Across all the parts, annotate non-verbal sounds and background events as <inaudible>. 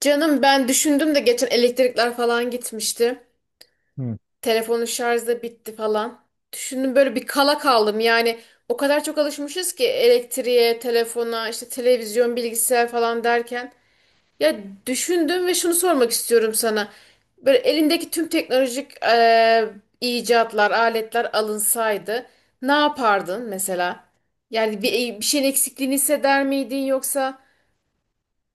Canım, ben düşündüm de geçen elektrikler falan gitmişti. Hı, Telefonun şarjı da bitti falan. Düşündüm, böyle bir kala kaldım. Yani o kadar çok alışmışız ki elektriğe, telefona, işte televizyon, bilgisayar falan derken. Ya, düşündüm ve şunu sormak istiyorum sana. Böyle elindeki tüm teknolojik icatlar, aletler alınsaydı ne yapardın mesela? Yani bir şeyin eksikliğini hisseder miydin yoksa?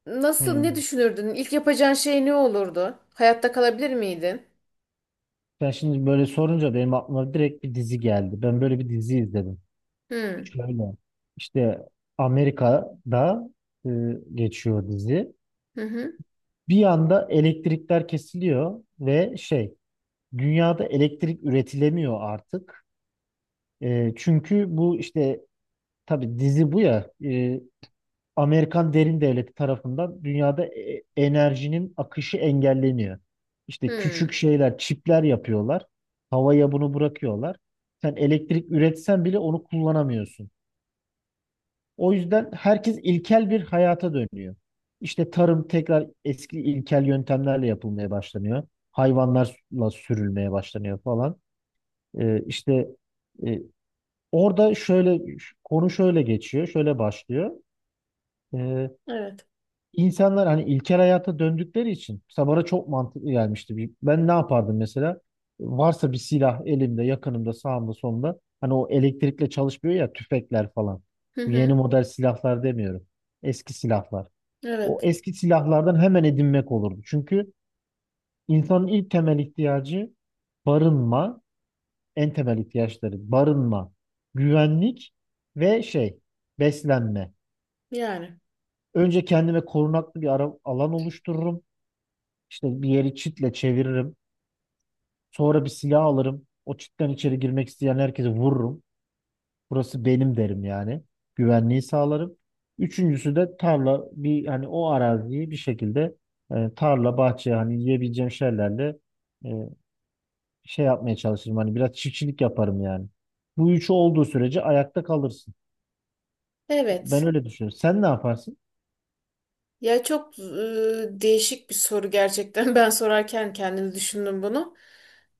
Nasıl, hı. ne düşünürdün? İlk yapacağın şey ne olurdu? Hayatta kalabilir miydin? Ben şimdi böyle sorunca benim aklıma direkt bir dizi geldi. Ben böyle bir dizi izledim. Hmm. Şöyle işte Amerika'da e, geçiyor dizi. Hı hı. Bir anda elektrikler kesiliyor ve şey dünyada elektrik üretilemiyor artık. Çünkü bu işte tabii dizi bu ya Amerikan derin devleti tarafından dünyada enerjinin akışı engelleniyor. İşte küçük Hmm. şeyler, çipler yapıyorlar. Havaya bunu bırakıyorlar. Sen elektrik üretsen bile onu kullanamıyorsun. O yüzden herkes ilkel bir hayata dönüyor. İşte tarım tekrar eski ilkel yöntemlerle yapılmaya başlanıyor. Hayvanlarla sürülmeye başlanıyor falan. İşte e, orada şöyle konu şöyle geçiyor, şöyle başlıyor. Ee, Evet. İnsanlar hani ilkel hayata döndükleri için mesela bana çok mantıklı gelmişti. Ben ne yapardım mesela? Varsa bir silah elimde, yakınımda, sağımda, solumda. Hani o elektrikle çalışmıyor ya tüfekler falan. Hı Bu yeni hı. model silahlar demiyorum. Eski silahlar. O Evet. eski silahlardan hemen edinmek olurdu. Çünkü insanın ilk temel ihtiyacı barınma, en temel ihtiyaçları barınma, güvenlik ve şey beslenme. Yani. Önce kendime korunaklı alan oluştururum. İşte bir yeri çitle çeviririm. Sonra bir silah alırım. O çitten içeri girmek isteyen herkese vururum. Burası benim derim yani. Güvenliği sağlarım. Üçüncüsü de tarla bir hani o araziyi bir şekilde tarla bahçe hani yiyebileceğim şeylerle e, şey yapmaya çalışırım. Hani biraz çiftçilik yaparım yani. Bu üçü olduğu sürece ayakta kalırsın. Ben Evet. öyle düşünüyorum. Sen ne yaparsın? Ya, çok değişik bir soru gerçekten. <laughs> Ben sorarken kendimi düşündüm bunu.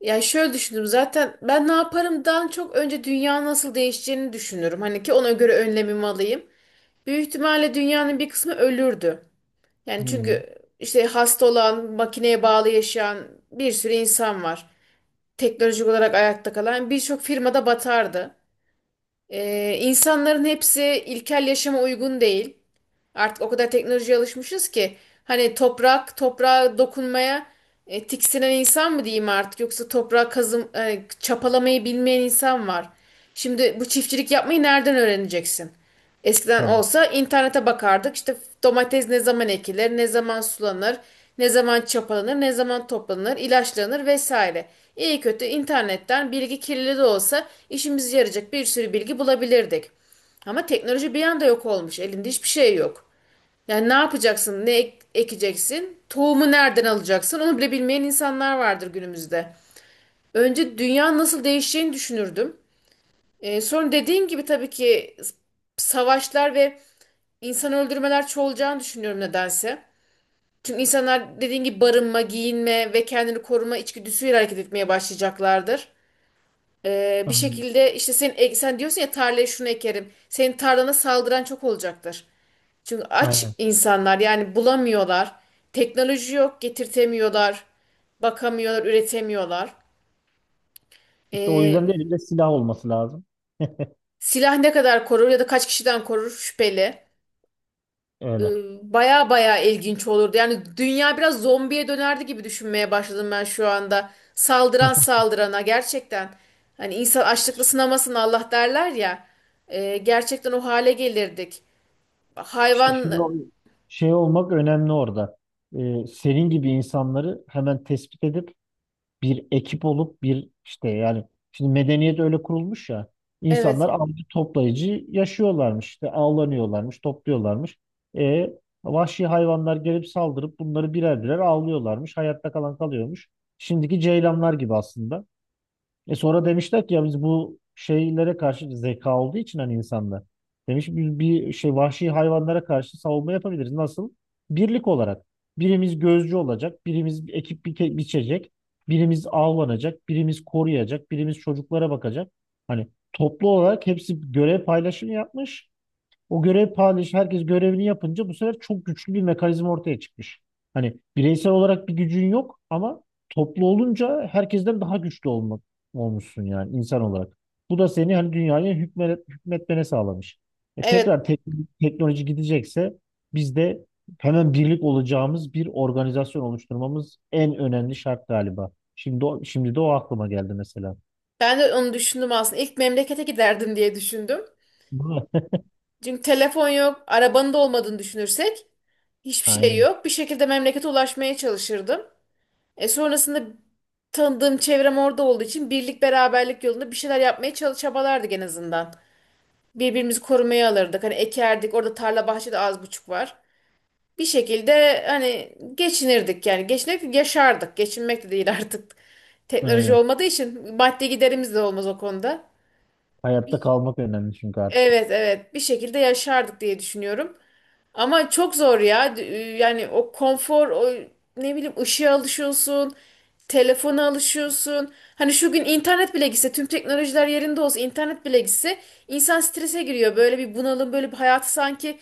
Ya şöyle düşündüm, zaten ben ne yaparımdan çok önce dünya nasıl değişeceğini düşünürüm. Hani ki ona göre önlemimi alayım. Büyük ihtimalle dünyanın bir kısmı ölürdü. Yani Hmm, çünkü işte hasta olan, makineye bağlı yaşayan bir sürü insan var. Teknolojik olarak ayakta kalan birçok firmada batardı. İnsanların hepsi ilkel yaşama uygun değil. Artık o kadar teknolojiye alışmışız ki hani toprak, toprağa dokunmaya tiksinen insan mı diyeyim artık, yoksa toprağa kazım çapalamayı bilmeyen insan var. Şimdi bu çiftçilik yapmayı nereden öğreneceksin? Eskiden tabii. olsa internete bakardık. İşte domates ne zaman ekilir, ne zaman sulanır, ne zaman çapalanır, ne zaman toplanır, ilaçlanır vesaire. İyi kötü internetten bilgi, kirli de olsa işimize yarayacak bir sürü bilgi bulabilirdik. Ama teknoloji bir anda yok olmuş. Elinde hiçbir şey yok. Yani ne yapacaksın, ne ekeceksin, tohumu nereden alacaksın onu bile bilmeyen insanlar vardır günümüzde. Önce dünya nasıl değişeceğini düşünürdüm. Sonra dediğim gibi tabii ki savaşlar ve İnsan öldürmeler çoğalacağını düşünüyorum nedense. Çünkü insanlar dediğin gibi barınma, giyinme ve kendini koruma içgüdüsüyle hareket etmeye başlayacaklardır. Bir Aynen. şekilde işte sen, sen diyorsun ya tarlaya şunu ekerim. Senin tarlana saldıran çok olacaktır. Çünkü aç Aynen. insanlar yani bulamıyorlar. Teknoloji yok, getirtemiyorlar. Bakamıyorlar, üretemiyorlar. İşte o Ee, yüzden de elimde silah olması lazım. <laughs> Silah ne kadar korur ya da kaç kişiden korur şüpheli. e, Öyle. Baya baya ilginç olurdu. Yani dünya biraz zombiye dönerdi gibi düşünmeye başladım ben şu anda. Saldıran <laughs> saldırana gerçekten. Hani insan açlıkla sınamasın Allah derler ya. Gerçekten o hale gelirdik. İşte Hayvan. Şey olmak önemli orada. Senin gibi insanları hemen tespit edip bir ekip olup bir işte yani şimdi medeniyet öyle kurulmuş ya Evet, insanlar avcı toplayıcı yaşıyorlarmış işte avlanıyorlarmış topluyorlarmış. E, Vahşi hayvanlar gelip saldırıp bunları birer birer avlıyorlarmış hayatta kalan kalıyormuş. Şimdiki ceylanlar gibi aslında. E sonra demişler ki ya biz bu şeylere karşı zeka olduğu için hani insanda. Demiş biz bir şey vahşi hayvanlara karşı savunma yapabiliriz. Nasıl? Birlik olarak. Birimiz gözcü olacak, biçecek, birimiz avlanacak, birimiz koruyacak, birimiz çocuklara bakacak. Hani toplu olarak hepsi görev paylaşımı yapmış. O görev paylaşı herkes görevini yapınca bu sefer çok güçlü bir mekanizma ortaya çıkmış. Hani bireysel olarak bir gücün yok ama toplu olunca herkesten daha güçlü olmuşsun yani insan olarak. Bu da seni hani hükmetmene sağlamış. E evet, tekrar tek- teknoloji gidecekse biz de hemen birlik olacağımız bir organizasyon oluşturmamız en önemli şart galiba. Şimdi de o aklıma geldi mesela. ben de onu düşündüm aslında. İlk memlekete giderdim diye düşündüm. Değil mi? Çünkü telefon yok, arabanın da olmadığını düşünürsek <laughs> hiçbir şey Aynen. yok. Bir şekilde memlekete ulaşmaya çalışırdım. Sonrasında tanıdığım çevrem orada olduğu için birlik beraberlik yolunda bir şeyler yapmaya çabalardık en azından. Birbirimizi korumaya alırdık. Hani ekerdik. Orada tarla bahçede az buçuk var. Bir şekilde hani geçinirdik yani. Geçinmek yaşardık. Geçinmek de değil <laughs> artık. Teknoloji Aynen. olmadığı için maddi giderimiz de olmaz o konuda. Hayatta kalmak önemli çünkü artık. Evet, evet, bir şekilde yaşardık diye düşünüyorum. Ama çok zor ya. Yani o konfor, o ne bileyim ışığa alışıyorsun, telefona alışıyorsun. Hani şu gün internet bile gitse, tüm teknolojiler yerinde olsa, internet bile gitse insan strese giriyor. Böyle bir bunalım, böyle bir hayatı sanki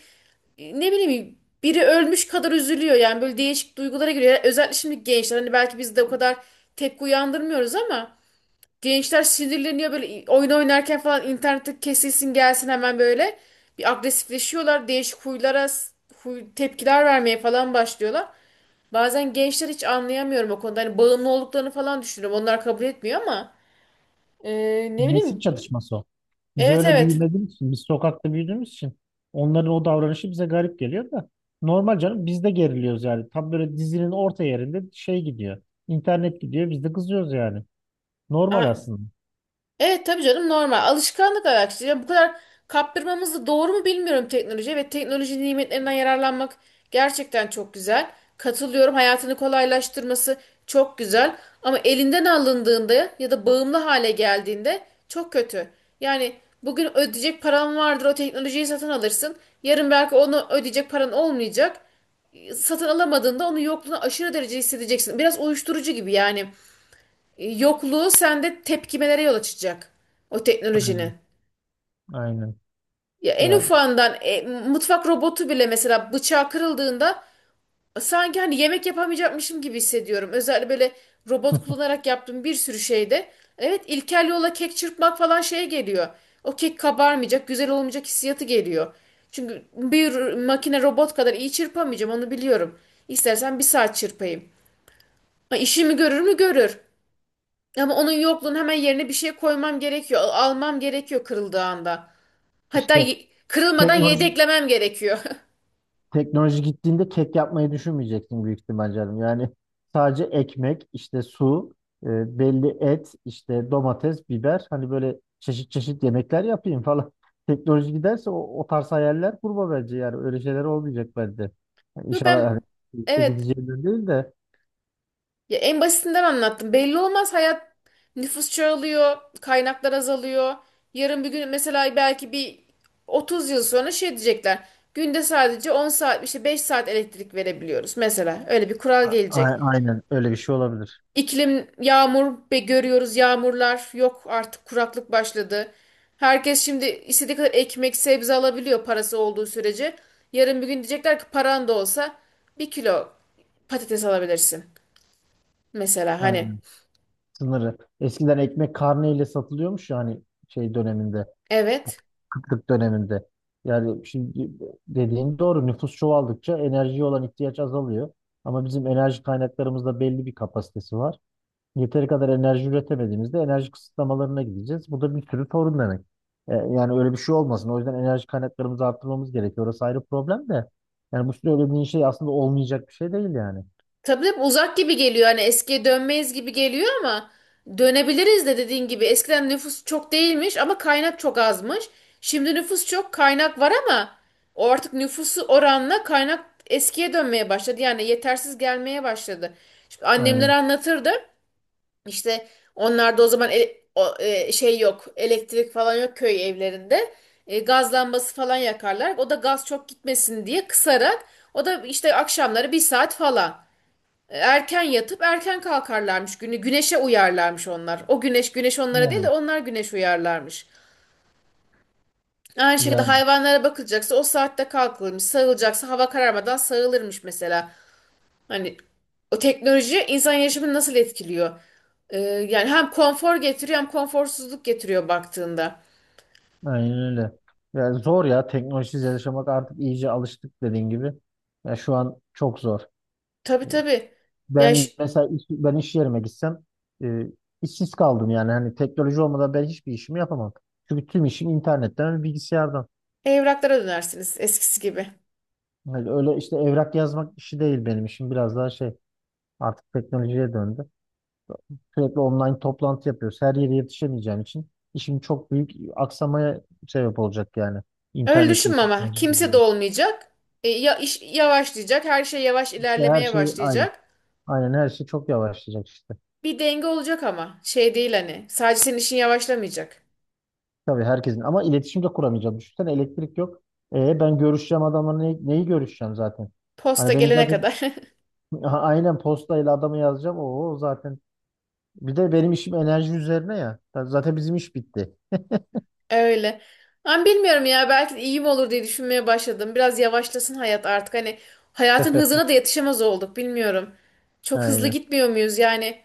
ne bileyim biri ölmüş kadar üzülüyor. Yani böyle değişik duygulara giriyor. Özellikle şimdi gençler hani belki biz de o kadar tepki uyandırmıyoruz ama gençler sinirleniyor böyle oyun oynarken falan, internette kesilsin gelsin hemen böyle. Bir agresifleşiyorlar. Değişik huylara, huy, tepkiler vermeye falan başlıyorlar. Bazen gençler hiç anlayamıyorum o konuda. Hani bağımlı olduklarını falan düşünüyorum. Onlar kabul etmiyor ama e, ne Nesil bileyim. çatışması o. Biz Evet, öyle evet. büyümediğimiz için, biz sokakta büyüdüğümüz için onların o davranışı bize garip geliyor da normal canım biz de geriliyoruz yani. Tam böyle dizinin orta yerinde şey gidiyor. İnternet gidiyor biz de kızıyoruz yani. Normal Aa, aslında. evet tabii canım, normal. Alışkanlık araştırıyor. Bu kadar kaptırmamız da doğru mu bilmiyorum, teknolojiye ve teknoloji nimetlerinden yararlanmak gerçekten çok güzel. Katılıyorum. Hayatını kolaylaştırması çok güzel. Ama elinden alındığında ya da bağımlı hale geldiğinde çok kötü. Yani bugün ödeyecek paran vardır, o teknolojiyi satın alırsın. Yarın belki onu ödeyecek paran olmayacak. Satın alamadığında onun yokluğunu aşırı derece hissedeceksin. Biraz uyuşturucu gibi yani, yokluğu sende tepkimelere yol açacak. O teknolojinin. Aynen. Aynen. Ya en Yani ufağından mutfak robotu bile, mesela bıçağı kırıldığında sanki hani yemek yapamayacakmışım gibi hissediyorum. Özellikle böyle robot kullanarak yaptığım bir sürü şeyde. Evet, ilkel yola kek çırpmak falan şeye geliyor. O kek kabarmayacak, güzel olmayacak hissiyatı geliyor. Çünkü bir makine robot kadar iyi çırpamayacağım, onu biliyorum. İstersen bir saat çırpayım. Ha, işimi görür mü görür. Ama onun yokluğunu hemen yerine bir şey koymam gerekiyor. Almam gerekiyor kırıldığı anda. <laughs> Hatta işte kırılmadan teknoloji yedeklemem gerekiyor. teknoloji gittiğinde kek yapmayı düşünmeyeceksin büyük ihtimal canım. Yani sadece ekmek, işte su, belli et, işte domates, biber hani böyle çeşit çeşit yemekler yapayım falan. <laughs> Teknoloji giderse o tarz hayaller kurma bence yani öyle şeyler olmayacak bence. Yani <laughs> Yo, inşallah ben, hani bir şey evet gideceğinden değil de ya, en basitinden anlattım. Belli olmaz hayat, nüfus çoğalıyor, kaynaklar azalıyor. Yarın bir gün mesela, belki bir 30 yıl sonra şey diyecekler. Günde sadece 10 saat, işte 5 saat elektrik verebiliyoruz mesela. Öyle bir kural gelecek. Aynen öyle bir şey olabilir. İklim yağmur be görüyoruz, yağmurlar yok artık, kuraklık başladı. Herkes şimdi istediği kadar ekmek, sebze alabiliyor parası olduğu sürece. Yarın bir gün diyecekler ki paran da olsa bir kilo patates alabilirsin. Mesela hani. Aynen sınırı. Eskiden ekmek karneyle satılıyormuş yani şey döneminde. Evet. Kıtlık döneminde. Yani şimdi dediğin doğru nüfus çoğaldıkça enerjiye olan ihtiyaç azalıyor. Ama bizim enerji kaynaklarımızda belli bir kapasitesi var. Yeteri kadar enerji üretemediğimizde enerji kısıtlamalarına gideceğiz. Bu da bir sürü sorun demek. Yani öyle bir şey olmasın. O yüzden enerji kaynaklarımızı arttırmamız gerekiyor. Orası ayrı problem de. Yani bu söylediğin şey aslında olmayacak bir şey değil yani. Tabii hep uzak gibi geliyor, hani eskiye dönmeyiz gibi geliyor ama dönebiliriz de, dediğin gibi eskiden nüfus çok değilmiş ama kaynak çok azmış. Şimdi nüfus çok, kaynak var ama o artık, nüfusu oranla kaynak eskiye dönmeye başladı. Yani yetersiz gelmeye başladı. Şimdi annemler Aynen. anlatırdı, işte onlarda o zaman o, şey yok, elektrik falan yok köy evlerinde. Gaz lambası falan yakarlar. O da gaz çok gitmesin diye kısarak, o da işte akşamları bir saat falan. Erken yatıp erken kalkarlarmış günü. Güneşe uyarlarmış onlar. O güneş güneş onlara değil de Yani, onlar güneş uyarlarmış. Aynı şekilde yani hayvanlara bakılacaksa o saatte kalkılırmış. Sağılacaksa hava kararmadan sağılırmış mesela. Hani o teknoloji insan yaşamını nasıl etkiliyor? Yani hem konfor getiriyor hem konforsuzluk getiriyor baktığında. aynen öyle. Yani zor ya teknolojisiz yaşamak artık iyice alıştık dediğin gibi. Ya şu an çok zor. Tabii, tabii. Yani, Ben iş yerime gitsem e, işsiz kaldım yani hani teknoloji olmadan ben hiçbir işimi yapamam. Çünkü tüm işim internetten ve bilgisayardan. evraklara dönersiniz eskisi gibi. Hani öyle işte evrak yazmak işi değil benim işim biraz daha şey artık teknolojiye döndü. Sürekli online toplantı yapıyoruz. Her yere yetişemeyeceğim için işim çok büyük aksamaya sebep olacak yani. Öyle İnternetin düşünme, ama teknolojinin kimse de olması. olmayacak. Ya iş yavaşlayacak. Her şey yavaş İşte her ilerlemeye şey aynı. başlayacak. Aynen her şey çok yavaşlayacak işte. Bir denge olacak ama şey değil, hani sadece senin işin yavaşlamayacak. Tabii herkesin ama iletişim de kuramayacağım. Düşünsene elektrik yok. Ben görüşeceğim adamla neyi görüşeceğim zaten? Posta Hani benim gelene zaten <laughs> kadar. aynen postayla adamı yazacağım. O zaten bir de benim işim enerji üzerine ya. Zaten bizim iş bitti. <laughs> Öyle. Ama bilmiyorum ya, belki de iyi mi olur diye düşünmeye başladım. Biraz yavaşlasın hayat artık hani, hayatın <laughs> hızına da yetişemez olduk, bilmiyorum. Çok hızlı Aynen. gitmiyor muyuz yani,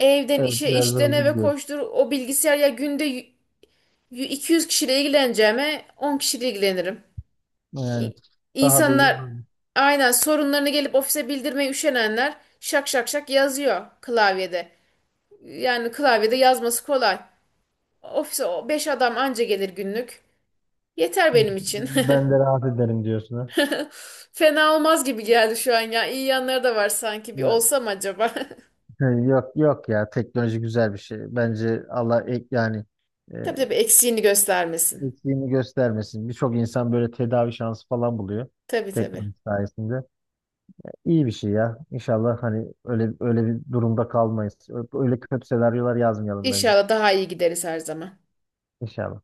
evden Evet işe, biraz da işten hızlı eve gidiyoruz. koştur o bilgisayar ya, günde 200 kişiyle ilgileneceğime 10 kişiyle ilgilenirim. Yani İ- daha da iyi İnsanlar olur. aynen sorunlarını gelip ofise bildirmeye üşenenler, şak şak şak yazıyor klavyede. Yani klavyede yazması kolay. Ofise o beş adam anca gelir günlük. Yeter benim için. Ben de rahat ederim diyorsun ha. <laughs> Fena olmaz gibi geldi şu an ya. İyi yanları da var sanki. Bir Ya, olsam acaba? <laughs> <laughs> yok yok ya teknoloji güzel bir şey. Bence Allah ek yani e, Tabii, tabii, eksiğini göstermesin. eksiğini göstermesin. Birçok insan böyle tedavi şansı falan buluyor Tabii, tabii. teknoloji sayesinde. İyi bir şey ya. İnşallah hani öyle öyle bir durumda kalmayız. Öyle kötü senaryolar yazmayalım bence. İnşallah daha iyi gideriz her zaman. İnşallah.